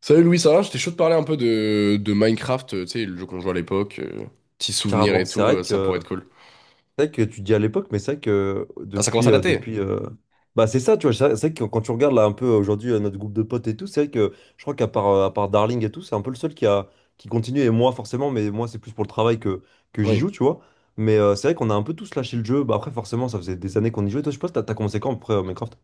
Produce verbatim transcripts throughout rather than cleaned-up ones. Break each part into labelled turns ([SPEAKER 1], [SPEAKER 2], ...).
[SPEAKER 1] Salut Louis, ça va? J'étais chaud de parler un peu de, de Minecraft, euh, tu sais, le jeu qu'on jouait à l'époque, euh, petits souvenirs
[SPEAKER 2] Carrément,
[SPEAKER 1] et
[SPEAKER 2] c'est
[SPEAKER 1] tout, euh,
[SPEAKER 2] vrai
[SPEAKER 1] ça
[SPEAKER 2] que
[SPEAKER 1] pourrait être cool.
[SPEAKER 2] c'est vrai que tu dis à l'époque, mais c'est vrai que
[SPEAKER 1] Ah, ça commence
[SPEAKER 2] depuis
[SPEAKER 1] à
[SPEAKER 2] euh,
[SPEAKER 1] dater?
[SPEAKER 2] depuis euh, bah c'est ça, tu vois, c'est vrai c'est vrai que quand tu regardes là un peu aujourd'hui euh, notre groupe de potes et tout, c'est vrai que je crois qu'à part euh, à part Darling et tout, c'est un peu le seul qui a qui continue et moi forcément, mais moi c'est plus pour le travail que que j'y
[SPEAKER 1] Oui.
[SPEAKER 2] joue, tu vois. Mais euh, c'est vrai qu'on a un peu tous lâché le jeu. Bah après forcément, ça faisait des années qu'on y jouait. Toi, je pense t'as t'as commencé quand après euh, Minecraft?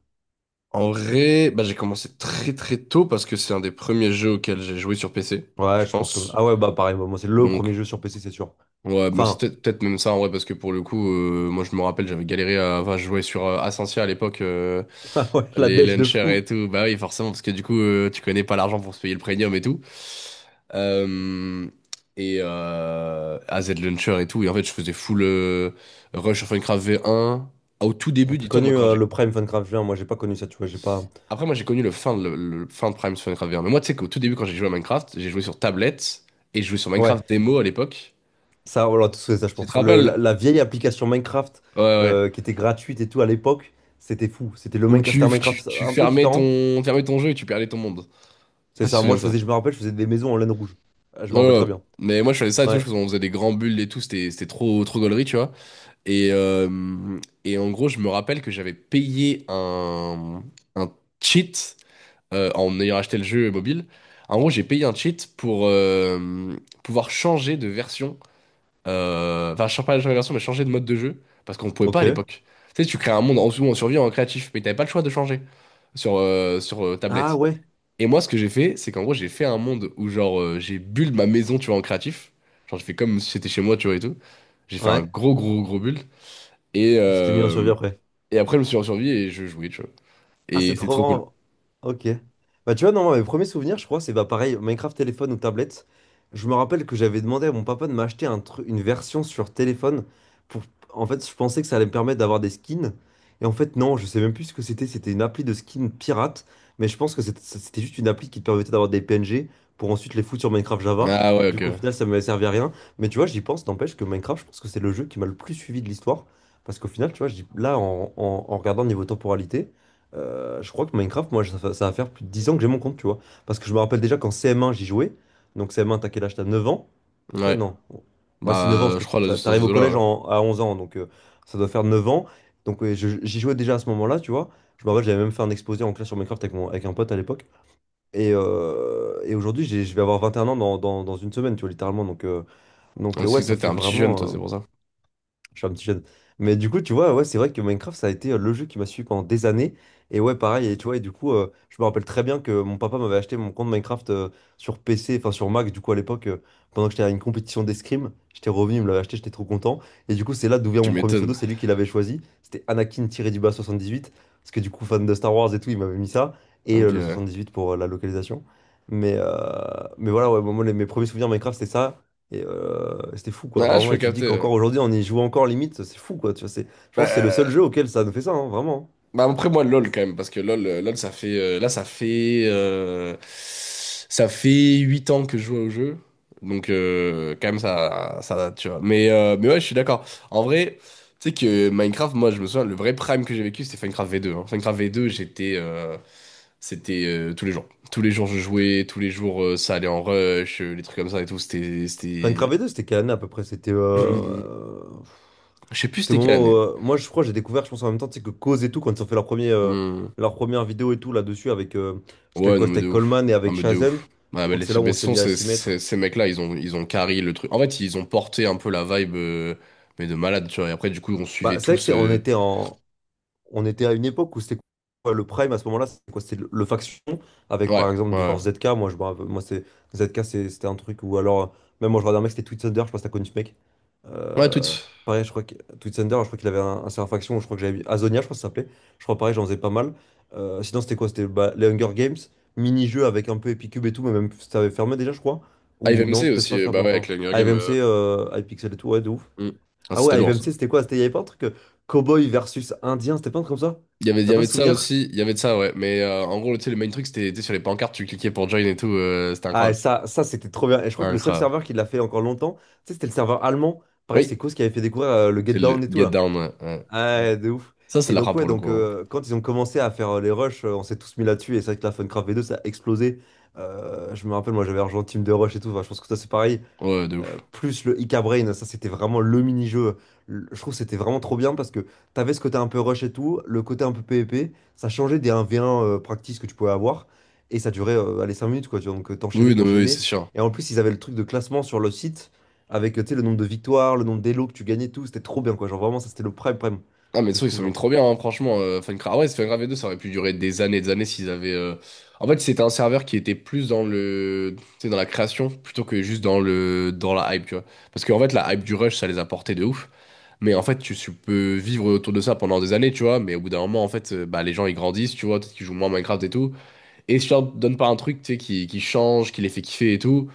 [SPEAKER 1] En vrai, bah, j'ai commencé très très tôt parce que c'est un des premiers jeux auxquels j'ai joué sur P C,
[SPEAKER 2] Ouais,
[SPEAKER 1] je
[SPEAKER 2] je pense que
[SPEAKER 1] pense.
[SPEAKER 2] ah ouais bah pareil, moi c'est le premier
[SPEAKER 1] Donc
[SPEAKER 2] jeu sur p c, c'est sûr.
[SPEAKER 1] ouais, mais c'est
[SPEAKER 2] Enfin,
[SPEAKER 1] peut-être peut-être même ça en vrai, parce que pour le coup, euh, moi je me rappelle, j'avais galéré à. Enfin, je jouais sur euh, Ascensia à l'époque, euh,
[SPEAKER 2] ah ouais, la
[SPEAKER 1] les
[SPEAKER 2] dèche de
[SPEAKER 1] launchers et
[SPEAKER 2] fou.
[SPEAKER 1] tout. Bah oui, forcément, parce que du coup, euh, tu connais pas l'argent pour se payer le premium et tout. Euh, et euh, A Z Launcher et tout. Et en fait, je faisais full euh, Rush of Minecraft V un. Ah, au tout début,
[SPEAKER 2] T'as
[SPEAKER 1] dis-toi,
[SPEAKER 2] connu
[SPEAKER 1] moi quand
[SPEAKER 2] euh,
[SPEAKER 1] j'ai.
[SPEAKER 2] le Prime Funcraft, je veux dire, moi j'ai pas connu ça, tu vois, j'ai pas.
[SPEAKER 1] Après, moi j'ai connu le fin, de- le, le fin de Prime sur Minecraft V un. Mais moi, tu sais qu'au tout début, quand j'ai joué à Minecraft, j'ai joué sur tablette et je jouais sur
[SPEAKER 2] Ouais.
[SPEAKER 1] Minecraft démo à l'époque.
[SPEAKER 2] Ça, on l'a tous fait, ça, je
[SPEAKER 1] Tu te
[SPEAKER 2] pense. Le- la,
[SPEAKER 1] rappelles?
[SPEAKER 2] la vieille application Minecraft
[SPEAKER 1] Ouais, ouais.
[SPEAKER 2] euh, qui était gratuite et tout à l'époque, c'était fou. C'était le
[SPEAKER 1] Où
[SPEAKER 2] Minecraft, c'était
[SPEAKER 1] tu,
[SPEAKER 2] un
[SPEAKER 1] tu,
[SPEAKER 2] Minecraft
[SPEAKER 1] tu
[SPEAKER 2] un peu
[SPEAKER 1] fermais
[SPEAKER 2] différent.
[SPEAKER 1] ton, fermais ton jeu et tu perdais ton monde.
[SPEAKER 2] C'est
[SPEAKER 1] Ah sais pas si tu te
[SPEAKER 2] ça.
[SPEAKER 1] souviens
[SPEAKER 2] Moi, je
[SPEAKER 1] de
[SPEAKER 2] faisais,
[SPEAKER 1] ça.
[SPEAKER 2] je me rappelle, je faisais des maisons en laine rouge. Euh, Je me
[SPEAKER 1] Non,
[SPEAKER 2] rappelle
[SPEAKER 1] non,
[SPEAKER 2] très
[SPEAKER 1] non.
[SPEAKER 2] bien.
[SPEAKER 1] Mais moi, je faisais ça et tout. je
[SPEAKER 2] Ouais.
[SPEAKER 1] faisais- On faisait des grands bulles et tout. C'était, c'était trop, trop gaulerie, tu vois. Et, euh, et en gros, je me rappelle que j'avais payé un, un cheat euh, en ayant acheté le jeu mobile. En gros, j'ai payé un cheat pour euh, pouvoir changer de version. Euh, Enfin, je ne pas changer de version, mais changer de mode de jeu. Parce qu'on ne pouvait pas à
[SPEAKER 2] Ok.
[SPEAKER 1] l'époque. Tu sais, tu crées un monde en, en survie, en créatif, mais tu n'avais pas le choix de changer sur, euh, sur euh,
[SPEAKER 2] Ah
[SPEAKER 1] tablette.
[SPEAKER 2] ouais.
[SPEAKER 1] Et moi, ce que j'ai fait, c'est qu'en gros, j'ai fait un monde où, genre, euh, j'ai build ma maison, tu vois, en créatif. Genre, j'ai fait comme si c'était chez moi, tu vois, et tout. J'ai fait un
[SPEAKER 2] Ouais.
[SPEAKER 1] gros, gros, gros build. Et,
[SPEAKER 2] Et je t'ai mis en
[SPEAKER 1] euh,
[SPEAKER 2] survie après.
[SPEAKER 1] et après, je me suis ressurvi et je jouais, tu vois.
[SPEAKER 2] Ah, c'est
[SPEAKER 1] Et c'était
[SPEAKER 2] trop
[SPEAKER 1] trop cool.
[SPEAKER 2] marrant. Ok. Bah, tu vois, non, mes premiers souvenirs, je crois, c'est bah, pareil, Minecraft téléphone ou tablette. Je me rappelle que j'avais demandé à mon papa de m'acheter un tru- une version sur téléphone pour. En fait, je pensais que ça allait me permettre d'avoir des skins. Et en fait, non, je sais même plus ce que c'était. C'était une appli de skins pirate. Mais je pense que c'était c'était juste une appli qui te permettait d'avoir des p n g pour ensuite les foutre sur Minecraft Java.
[SPEAKER 1] Ah ouais,
[SPEAKER 2] Du coup, au
[SPEAKER 1] ok.
[SPEAKER 2] final, ça m'avait servi à rien. Mais tu vois, j'y pense, n'empêche que Minecraft, je pense que c'est le jeu qui m'a le plus suivi de l'histoire. Parce qu'au final, tu vois, j'y- là, en, en en regardant niveau temporalité. Euh, je crois que Minecraft, moi, ça, fa- ça va faire plus de dix ans que j'ai mon compte, tu vois. Parce que je me rappelle déjà qu'en c m un, j'y jouais. Donc c m un, t'as quel âge? T'as neuf ans? À peu près,
[SPEAKER 1] Ouais.
[SPEAKER 2] non. Moi, c'est neuf ans, parce
[SPEAKER 1] Bah, je
[SPEAKER 2] que
[SPEAKER 1] crois, là, de
[SPEAKER 2] t'a-
[SPEAKER 1] ce
[SPEAKER 2] t'arrives au
[SPEAKER 1] là
[SPEAKER 2] collège
[SPEAKER 1] ouais.
[SPEAKER 2] en- à onze ans, donc euh, ça doit faire neuf ans. Donc ouais, je- j'y jouais déjà à ce moment-là, tu vois. Je me rappelle, j'avais même fait un exposé en classe sur Minecraft avec, mon, avec un pote à l'époque. Et, euh, et aujourd'hui, j'ai- je vais avoir vingt et un ans dans, dans- dans une semaine, tu vois, littéralement. Donc, euh, donc
[SPEAKER 1] On
[SPEAKER 2] euh, ouais,
[SPEAKER 1] sait que
[SPEAKER 2] ça
[SPEAKER 1] toi, t'es
[SPEAKER 2] fait
[SPEAKER 1] un petit jeune, toi,
[SPEAKER 2] vraiment. Euh,
[SPEAKER 1] c'est pour ça.
[SPEAKER 2] je suis un petit jeune. Mais du coup, tu vois, ouais, c'est vrai que Minecraft, ça a été euh, le jeu qui m'a suivi pendant des années. Et ouais, pareil, et tu vois, et du coup, euh, je me rappelle très bien que mon papa m'avait acheté mon compte Minecraft euh, sur p c, enfin sur Mac, du coup, à l'époque, euh, pendant que j'étais à une compétition d'escrime, j'étais revenu, il me l'avait acheté, j'étais trop content. Et du coup, c'est là d'où vient
[SPEAKER 1] Tu
[SPEAKER 2] mon premier pseudo,
[SPEAKER 1] m'étonnes.
[SPEAKER 2] c'est lui qui l'avait choisi. C'était anakin soixante-dix-huit, parce que du coup, fan de Star Wars et tout, il m'avait mis ça. Et euh,
[SPEAKER 1] Donc,
[SPEAKER 2] le
[SPEAKER 1] euh,
[SPEAKER 2] soixante-dix-huit pour euh, la localisation. Mais, euh, mais voilà, ouais, moi, les- mes premiers souvenirs Minecraft, c'était ça. Et euh, c'était fou, quoi,
[SPEAKER 1] ah, je
[SPEAKER 2] vraiment.
[SPEAKER 1] peux
[SPEAKER 2] Et tu te dis
[SPEAKER 1] capter. Ouais.
[SPEAKER 2] qu'encore aujourd'hui, on y joue encore limite, c'est fou, quoi. Tu vois, c'est, je pense que c'est le seul
[SPEAKER 1] Bah,
[SPEAKER 2] jeu auquel ça nous fait ça, hein, vraiment.
[SPEAKER 1] bah après moi LOL quand même parce que LOL euh, LOL ça fait euh, là ça fait euh, ça fait huit ans que je joue au jeu donc euh, quand même ça ça tu vois mais euh, mais ouais je suis d'accord en vrai tu sais que Minecraft moi je me souviens le vrai prime que j'ai vécu c'était Minecraft V deux hein. Minecraft V deux j'étais euh, c'était euh, tous les jours tous les jours je jouais tous les jours euh, ça allait en rush euh, les trucs comme ça et tout c'était c'était
[SPEAKER 2] Minecraft V deux c'était quelle année à peu près? C'était
[SPEAKER 1] je
[SPEAKER 2] euh,
[SPEAKER 1] sais plus
[SPEAKER 2] c'était au
[SPEAKER 1] c'était quelle
[SPEAKER 2] moment où.
[SPEAKER 1] année.
[SPEAKER 2] Euh, moi, je crois que j'ai découvert, je pense en même temps, tu sais, que Cause et tout, quand ils ont fait leur premier, euh,
[SPEAKER 1] Hmm.
[SPEAKER 2] leur première vidéo et tout là-dessus, avec. euh, c'était
[SPEAKER 1] Ouais,
[SPEAKER 2] quoi?
[SPEAKER 1] non, mais
[SPEAKER 2] C'était
[SPEAKER 1] de
[SPEAKER 2] avec
[SPEAKER 1] ouf.
[SPEAKER 2] Coleman et
[SPEAKER 1] Non,
[SPEAKER 2] avec
[SPEAKER 1] mais de
[SPEAKER 2] Shazen.
[SPEAKER 1] ouf. Ouais,
[SPEAKER 2] Je
[SPEAKER 1] mais
[SPEAKER 2] crois que
[SPEAKER 1] les,
[SPEAKER 2] c'est là où
[SPEAKER 1] mais
[SPEAKER 2] on
[SPEAKER 1] ce
[SPEAKER 2] s'est
[SPEAKER 1] sont
[SPEAKER 2] mis à
[SPEAKER 1] ces,
[SPEAKER 2] s'y
[SPEAKER 1] ces,
[SPEAKER 2] mettre.
[SPEAKER 1] ces mecs-là, ils ont, ils ont carry le truc. En fait, ils ont porté un peu la vibe, euh, mais de malade, tu vois. Et après, du coup, on
[SPEAKER 2] Bah,
[SPEAKER 1] suivait
[SPEAKER 2] c'est vrai que
[SPEAKER 1] tous.
[SPEAKER 2] c'est, on
[SPEAKER 1] Euh,
[SPEAKER 2] était en, on était à une époque où c'était quoi le prime à ce moment-là, c'est quoi? C'était le, le faction avec par
[SPEAKER 1] ouais,
[SPEAKER 2] exemple des genre
[SPEAKER 1] ouais.
[SPEAKER 2] z k. Moi, je me rappelle- moi c'est z k, c'est- c'était un truc ou alors euh, même moi je regardais un mec, c'était Tweet Thunder, je sais pas si t'as connu ce mec.
[SPEAKER 1] Ouais,
[SPEAKER 2] Euh,
[SPEAKER 1] toutes.
[SPEAKER 2] pareil, je crois que Tweet Thunder, je crois qu'il avait un, un serveur faction, je crois que j'avais mis- Azonia, je crois que ça s'appelait. Je crois pareil, j'en faisais pas mal. Euh, sinon, c'était quoi? C'était bah, les Hunger Games, mini-jeu avec un peu Epicube et tout, mais même ça avait fermé déjà, je crois. Ou non,
[SPEAKER 1] I V M C
[SPEAKER 2] peut-être
[SPEAKER 1] aussi,
[SPEAKER 2] pas
[SPEAKER 1] euh, bah
[SPEAKER 2] fermé
[SPEAKER 1] ouais,
[SPEAKER 2] encore.
[SPEAKER 1] avec l'Hunger Game. Euh,
[SPEAKER 2] a f m c, euh, iPixel et tout, ouais, de ouf.
[SPEAKER 1] hmm. Ah,
[SPEAKER 2] Ah
[SPEAKER 1] c'était
[SPEAKER 2] ouais,
[SPEAKER 1] lourd, ça.
[SPEAKER 2] i v m c, c'était quoi? C'était, il y avait pas un truc euh, cowboy versus indien, c'était pas un truc comme ça?
[SPEAKER 1] Il y avait, il y
[SPEAKER 2] T'as pas
[SPEAKER 1] avait de ça
[SPEAKER 2] souvenir?
[SPEAKER 1] aussi, il y avait de ça, ouais. Mais euh, en gros, tu sais, le main truc, c'était tu sais, sur les pancartes, tu cliquais pour join et tout. Euh, c'était
[SPEAKER 2] Ah, et
[SPEAKER 1] incroyable.
[SPEAKER 2] ça, ça c'était trop bien. Et je crois que le seul
[SPEAKER 1] Incroyable.
[SPEAKER 2] serveur qui l'a fait encore longtemps, tu sais, c'était le serveur allemand. Pareil, c'est
[SPEAKER 1] Oui,
[SPEAKER 2] Koz qui avait fait découvrir euh, le Get
[SPEAKER 1] c'est
[SPEAKER 2] Down
[SPEAKER 1] le
[SPEAKER 2] et tout,
[SPEAKER 1] get
[SPEAKER 2] là.
[SPEAKER 1] down, ouais. Ouais.
[SPEAKER 2] Ah, de ouf.
[SPEAKER 1] Ça, c'est
[SPEAKER 2] Et
[SPEAKER 1] de la
[SPEAKER 2] donc,
[SPEAKER 1] frappe
[SPEAKER 2] ouais,
[SPEAKER 1] pour le
[SPEAKER 2] donc
[SPEAKER 1] coup, hein.
[SPEAKER 2] euh, quand ils ont commencé à faire euh, les rushs, euh, on s'est tous mis là-dessus. Et c'est vrai que la Funcraft v deux, ça a explosé. Euh, je me rappelle, moi, j'avais rejoint le Team de Rush et tout. Enfin, je pense que ça, c'est pareil.
[SPEAKER 1] Ouais, de
[SPEAKER 2] Euh,
[SPEAKER 1] ouf.
[SPEAKER 2] plus le Ica Brain, ça c'était vraiment le mini-jeu. Le- Je trouve que c'était vraiment trop bien parce que t'avais ce côté un peu rush et tout, le côté un peu PvP, ça changeait des un v un euh, practice que tu pouvais avoir et ça durait euh, allez, cinq minutes quoi, tu vois, donc euh,
[SPEAKER 1] Oui,
[SPEAKER 2] t'enchaînais,
[SPEAKER 1] non, mais oui,
[SPEAKER 2] t'enchaînais.
[SPEAKER 1] c'est sûr.
[SPEAKER 2] Et en plus, ils avaient le truc de classement sur le site avec euh, tu sais, le nombre de victoires, le nombre d'élos que tu gagnais, et tout, c'était trop bien quoi. Genre vraiment, ça c'était le prime prime
[SPEAKER 1] Ah, mais de toute
[SPEAKER 2] de
[SPEAKER 1] façon, ils
[SPEAKER 2] fou,
[SPEAKER 1] sont mis
[SPEAKER 2] genre.
[SPEAKER 1] trop bien, hein, franchement. Euh, Funcra- ah ouais, Funcra V deux, ça aurait pu durer des années et des années s'ils avaient. Euh, en fait, c'était un serveur qui était plus dans le, tu sais, dans la création plutôt que juste dans le, dans la hype, tu vois. Parce qu'en fait, la hype du rush, ça les a portés de ouf. Mais en fait, tu, tu peux vivre autour de ça pendant des années, tu vois. Mais au bout d'un moment, en fait, euh, bah, les gens, ils grandissent, tu vois. Peut-être qu'ils jouent moins à Minecraft et tout. Et si tu leur donnes pas un truc, tu sais, qui, qui change, qui les fait kiffer et tout,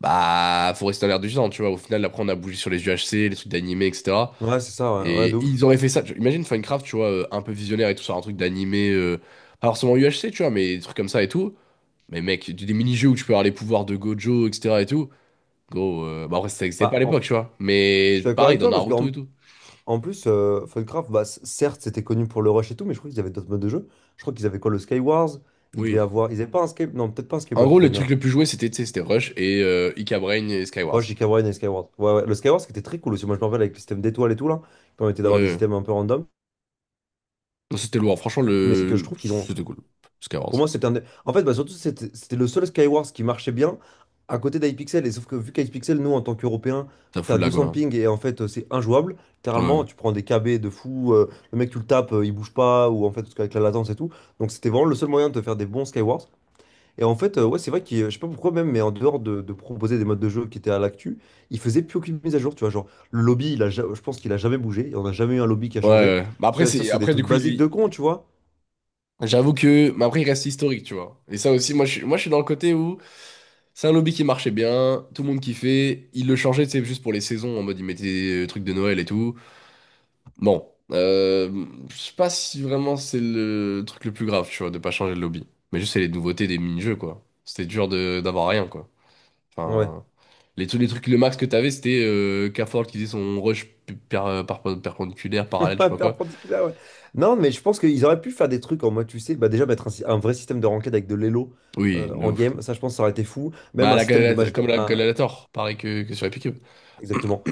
[SPEAKER 1] bah, faut rester dans l'air du temps, tu vois. Au final, après, on a bougé sur les U H C, les trucs d'animé, et cetera.
[SPEAKER 2] Ouais, c'est ça, ouais, ouais,
[SPEAKER 1] Et
[SPEAKER 2] de ouf.
[SPEAKER 1] ils auraient fait ça. tu- Imagine Minecraft, tu vois, euh, un peu visionnaire et tout, sur un truc d'animé, euh, pas forcément U H C, tu vois, mais des trucs comme ça et tout. Mais mec, des des mini-jeux où tu peux avoir les pouvoirs de Gojo, et cetera et tout. Gros, euh, bah après, ça existait pas à
[SPEAKER 2] Bah,
[SPEAKER 1] l'époque,
[SPEAKER 2] en-
[SPEAKER 1] tu vois.
[SPEAKER 2] je
[SPEAKER 1] Mais
[SPEAKER 2] suis d'accord
[SPEAKER 1] pareil,
[SPEAKER 2] avec
[SPEAKER 1] dans
[SPEAKER 2] toi, parce que
[SPEAKER 1] Naruto et tout.
[SPEAKER 2] en plus, euh, Fullcraft, bah, c- certes, c'était connu pour le rush et tout, mais je crois qu'ils avaient d'autres modes de jeu. Je crois qu'ils avaient quoi, le Skywars? Ils devaient
[SPEAKER 1] Oui.
[SPEAKER 2] avoir. Ils avaient pas un Sky. Non, peut-être pas un
[SPEAKER 1] En
[SPEAKER 2] Skyblock, je
[SPEAKER 1] gros,
[SPEAKER 2] dis de
[SPEAKER 1] le
[SPEAKER 2] la
[SPEAKER 1] truc
[SPEAKER 2] merde.
[SPEAKER 1] le plus joué, c'était tu sais, c'était Rush et euh, Ika Brain et
[SPEAKER 2] Ouais,
[SPEAKER 1] Skywars.
[SPEAKER 2] j'ai Skywars et Skywars. Ouais, ouais. Le Skywars, qui était très cool aussi. Moi, je me rappelle avec le système d'étoiles et tout, là, qui permettait
[SPEAKER 1] Ouais,
[SPEAKER 2] d'avoir des
[SPEAKER 1] ouais.
[SPEAKER 2] items un peu random.
[SPEAKER 1] Non, c'était lourd. Franchement,
[SPEAKER 2] Mais c'est que je
[SPEAKER 1] le
[SPEAKER 2] trouve qu'ils ont.
[SPEAKER 1] c'était cool.
[SPEAKER 2] Pour
[SPEAKER 1] Skywars.
[SPEAKER 2] moi, c'était un. des- En fait, bah, surtout, c'était c'était le seul Skywars qui marchait bien à côté d'iPixel. Et sauf que vu qu'iPixel, nous, en tant qu'Européens,
[SPEAKER 1] Ça fout
[SPEAKER 2] t'as
[SPEAKER 1] de la
[SPEAKER 2] deux cents de
[SPEAKER 1] quoi.
[SPEAKER 2] ping et en fait, euh, c'est injouable.
[SPEAKER 1] Ouais.
[SPEAKER 2] Littéralement, tu prends des k b de fou, euh, le mec, tu le tapes, euh, il bouge pas, ou en fait, avec la latence et tout. Donc, c'était vraiment le seul moyen de te faire des bons Skywars. Et en fait, euh, ouais, c'est vrai qu'il, je sais pas pourquoi même, mais en dehors de, de proposer des modes de jeu qui étaient à l'actu, il faisait plus aucune mise à jour. Tu vois, genre, le lobby, il a, ja- je pense qu'il a jamais bougé. On n'a jamais eu un lobby qui a
[SPEAKER 1] Ouais,
[SPEAKER 2] changé.
[SPEAKER 1] ouais. Ouais. Bah
[SPEAKER 2] Tu
[SPEAKER 1] après,
[SPEAKER 2] vois, ça,
[SPEAKER 1] c'est
[SPEAKER 2] c'est des
[SPEAKER 1] après, du
[SPEAKER 2] trucs
[SPEAKER 1] coup,
[SPEAKER 2] basiques de
[SPEAKER 1] il
[SPEAKER 2] con, tu vois.
[SPEAKER 1] j'avoue que mais après, il reste historique, tu vois. Et ça aussi, moi, je suis, moi, je suis dans le côté où c'est un lobby qui marchait bien, tout le monde kiffait. Il le changeait, tu sais, juste pour les saisons, en mode il mettait des euh, trucs de Noël et tout. Bon, euh, je sais pas si vraiment c'est le truc le plus grave, tu vois, de pas changer le lobby. Mais juste, c'est les nouveautés des mini-jeux, quoi. C'était dur de d'avoir rien, quoi.
[SPEAKER 2] Ouais.
[SPEAKER 1] Enfin, les, tous les trucs, le max que t'avais, c'était euh, Caford qui faisait son rush p- per- euh, par, perpendiculaire, parallèle, je sais
[SPEAKER 2] Ouais,
[SPEAKER 1] pas quoi.
[SPEAKER 2] perpendiculaire, ouais. Non, mais je pense qu'ils auraient pu faire des trucs en mode, tu sais, bah déjà mettre un, sy- un vrai système de ranked avec de l'élo
[SPEAKER 1] Oui,
[SPEAKER 2] euh,
[SPEAKER 1] de
[SPEAKER 2] en
[SPEAKER 1] ouf.
[SPEAKER 2] game, ça je pense que ça aurait été fou. Même
[SPEAKER 1] Bah,
[SPEAKER 2] un
[SPEAKER 1] la
[SPEAKER 2] système de
[SPEAKER 1] Galata-
[SPEAKER 2] match de
[SPEAKER 1] comme la
[SPEAKER 2] un,
[SPEAKER 1] Galatator, pareil que, que sur Epic. Cube.
[SPEAKER 2] exactement,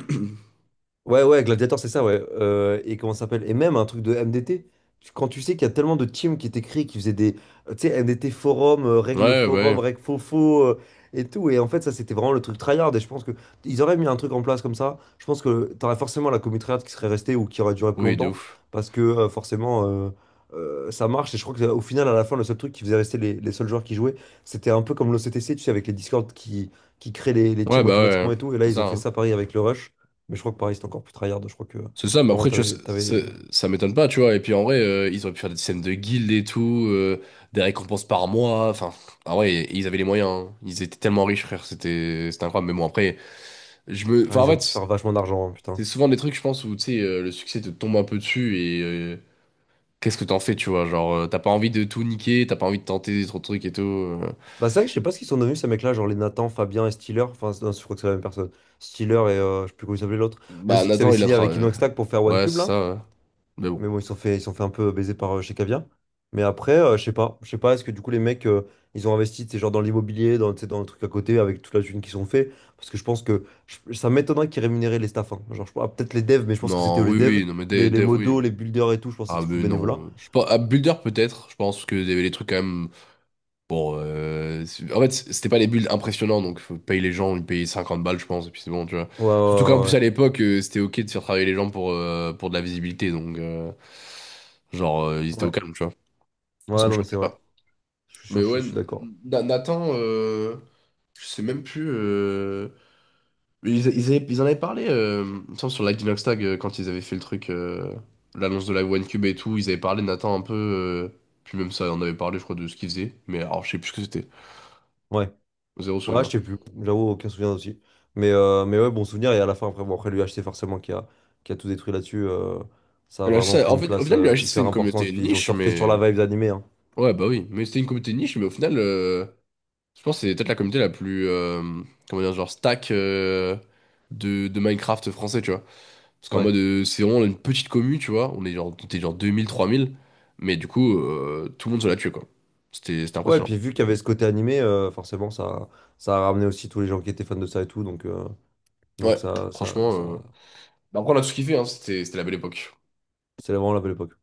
[SPEAKER 2] ouais, ouais, Gladiator, c'est ça, ouais. Euh, et comment ça s'appelle? Et même un truc de m d t. tu- Quand tu sais qu'il y a tellement de teams qui étaient créés qui faisaient des. euh, Tu sais, m d t Forum, euh, règle
[SPEAKER 1] Ouais,
[SPEAKER 2] Forum,
[SPEAKER 1] ouais,
[SPEAKER 2] règle faux faux, euh, et tout. Et en fait, ça, c'était vraiment le truc tryhard. Et je pense que ils auraient mis un truc en place comme ça. Je pense que t'aurais forcément la commu tryhard qui serait restée ou qui aurait duré plus
[SPEAKER 1] oui, de
[SPEAKER 2] longtemps.
[SPEAKER 1] ouf.
[SPEAKER 2] Parce que euh, forcément, euh, euh, ça marche. Et je crois que, au final, à la fin, le seul truc qui faisait rester les, les seuls joueurs qui jouaient, c'était un peu comme l'o c t c, tu sais, avec les Discord qui, qui créent les, les
[SPEAKER 1] Ouais,
[SPEAKER 2] teams
[SPEAKER 1] bah ouais,
[SPEAKER 2] automatiquement et tout. Et là,
[SPEAKER 1] c'est
[SPEAKER 2] ils
[SPEAKER 1] ça,
[SPEAKER 2] ont fait
[SPEAKER 1] hein.
[SPEAKER 2] ça pareil avec le Rush. Mais je crois que pareil, c'était encore plus tryhard. Je crois que
[SPEAKER 1] C'est ça, mais
[SPEAKER 2] vraiment,
[SPEAKER 1] après, tu vois,
[SPEAKER 2] t'avais,
[SPEAKER 1] c'est-
[SPEAKER 2] t'avais...
[SPEAKER 1] c'est- ça m'étonne pas, tu vois. Et puis en vrai, euh, ils auraient pu faire des scènes de guilde et tout, euh, des récompenses par mois. Enfin, ah ouais, ils avaient les moyens, hein. Ils étaient tellement riches, frère, c'était c'était incroyable. Mais bon, après, je me.
[SPEAKER 2] Ah,
[SPEAKER 1] Enfin, en
[SPEAKER 2] ils ont dû se
[SPEAKER 1] fait,
[SPEAKER 2] faire vachement d'argent, hein, putain.
[SPEAKER 1] c'est souvent des trucs, je pense, où tu sais, euh, le succès te tombe un peu dessus et euh, qu'est-ce que t'en fais, tu vois. Genre, euh, t'as pas envie de tout niquer, t'as pas envie de tenter trop de trucs et tout. Euh,
[SPEAKER 2] Bah, c'est vrai que je sais pas ce qu'ils sont devenus, ces mecs-là, genre les Nathan, Fabien et Steeler. Enfin, c'est- non, je crois que c'est la même personne. Steeler et euh, je sais plus comment il s'appelait l'autre. Je
[SPEAKER 1] bah,
[SPEAKER 2] sais qu'ils
[SPEAKER 1] Nathan,
[SPEAKER 2] avaient
[SPEAKER 1] il a.
[SPEAKER 2] signé
[SPEAKER 1] tra-
[SPEAKER 2] avec
[SPEAKER 1] euh,
[SPEAKER 2] Inox pour faire One
[SPEAKER 1] Ouais,
[SPEAKER 2] Cube,
[SPEAKER 1] c'est
[SPEAKER 2] là.
[SPEAKER 1] ça, ouais. Mais bon.
[SPEAKER 2] Mais bon, ils se sont fait, ils se sont fait un peu baiser par euh, chez Cavia. Mais après, euh, je sais pas. Je sais pas, est-ce que du coup, les mecs, euh, ils ont investi, c'est genre dans l'immobilier, dans, tu sais, dans le truc à côté, avec toute la thune qu'ils ont fait. Parce que je pense que je- ça m'étonnerait qu'ils rémunéraient les staffs, hein. Genre, je- ah, peut-être les devs, mais je pense que c'était eux
[SPEAKER 1] Non,
[SPEAKER 2] les
[SPEAKER 1] oui,
[SPEAKER 2] devs.
[SPEAKER 1] oui, non, mais Dev,
[SPEAKER 2] Mais les
[SPEAKER 1] Dev, oui.
[SPEAKER 2] modos, les builders et tout, je pense que
[SPEAKER 1] Ah
[SPEAKER 2] c'était full
[SPEAKER 1] mais
[SPEAKER 2] bénévolat.
[SPEAKER 1] non, euh, je pense à Builder peut-être, je pense que y avait les trucs quand même bon euh, c'est- en fait c'était pas les builds impressionnants donc faut payer les gens, ils payaient cinquante balles je pense et puis c'est bon tu vois.
[SPEAKER 2] Ouais,
[SPEAKER 1] Surtout qu'en plus à
[SPEAKER 2] ouais,
[SPEAKER 1] l'époque euh, c'était OK de faire travailler les gens pour euh, pour de la visibilité donc euh, genre euh, ils
[SPEAKER 2] ouais,
[SPEAKER 1] étaient
[SPEAKER 2] ouais.
[SPEAKER 1] au
[SPEAKER 2] Ouais,
[SPEAKER 1] calme tu vois. Ça
[SPEAKER 2] ouais,
[SPEAKER 1] me
[SPEAKER 2] non, mais
[SPEAKER 1] choquerait
[SPEAKER 2] c'est vrai.
[SPEAKER 1] pas.
[SPEAKER 2] Je suis sûr,
[SPEAKER 1] Mais
[SPEAKER 2] je
[SPEAKER 1] ouais,
[SPEAKER 2] suis d'accord.
[SPEAKER 1] Na- Nathan euh, je sais même plus euh, ils, ils avaient- ils en avaient parlé, euh, il me semble, sur l'Aquinox Tag, euh, quand ils avaient fait le truc, euh, l'annonce de la OneCube et tout, ils avaient parlé de Nathan un peu, euh, puis même ça, on avait parlé, je crois, de ce qu'ils faisaient, mais alors je sais plus ce que c'était,
[SPEAKER 2] Ouais,
[SPEAKER 1] zéro
[SPEAKER 2] ouais, je
[SPEAKER 1] souvenir.
[SPEAKER 2] sais plus. J'avoue, aucun souvenir aussi. Mais, euh, mais ouais, bon souvenir. Et à la fin, après, bon, après l'u h c, forcément, qui a, qui a tout détruit là-dessus, euh, ça a
[SPEAKER 1] Alors,
[SPEAKER 2] vraiment
[SPEAKER 1] ça,
[SPEAKER 2] pris
[SPEAKER 1] en
[SPEAKER 2] une
[SPEAKER 1] fait, au
[SPEAKER 2] place
[SPEAKER 1] final, le
[SPEAKER 2] euh,
[SPEAKER 1] H C, c'est
[SPEAKER 2] hyper
[SPEAKER 1] une communauté
[SPEAKER 2] importante. Puis ils ont
[SPEAKER 1] niche,
[SPEAKER 2] surfé sur la
[SPEAKER 1] mais
[SPEAKER 2] vibe animée, hein.
[SPEAKER 1] Ouais, bah oui, mais c'était une communauté niche, mais au final, euh, je pense que c'est peut-être la communauté la plus, euh, comment dire, genre stack euh, de, de Minecraft français, tu vois. Parce qu'en
[SPEAKER 2] Ouais.
[SPEAKER 1] mode, euh, c'est vraiment une petite commune, tu vois. On est genre, t'es genre deux mille, trois mille. Mais du coup, euh, tout le monde se l'a tué, quoi. C'était c'était
[SPEAKER 2] Ouais,
[SPEAKER 1] impressionnant.
[SPEAKER 2] puis vu qu'il y avait ce côté animé, euh, forcément, ça, ça a ramené aussi tous les gens qui étaient fans de ça et tout. Donc, euh, donc
[SPEAKER 1] Ouais,
[SPEAKER 2] ça, ça, ça,
[SPEAKER 1] franchement. Euh, bah après, on a tout kiffé, hein. C'était c'était la belle époque.
[SPEAKER 2] c'est vraiment la belle époque.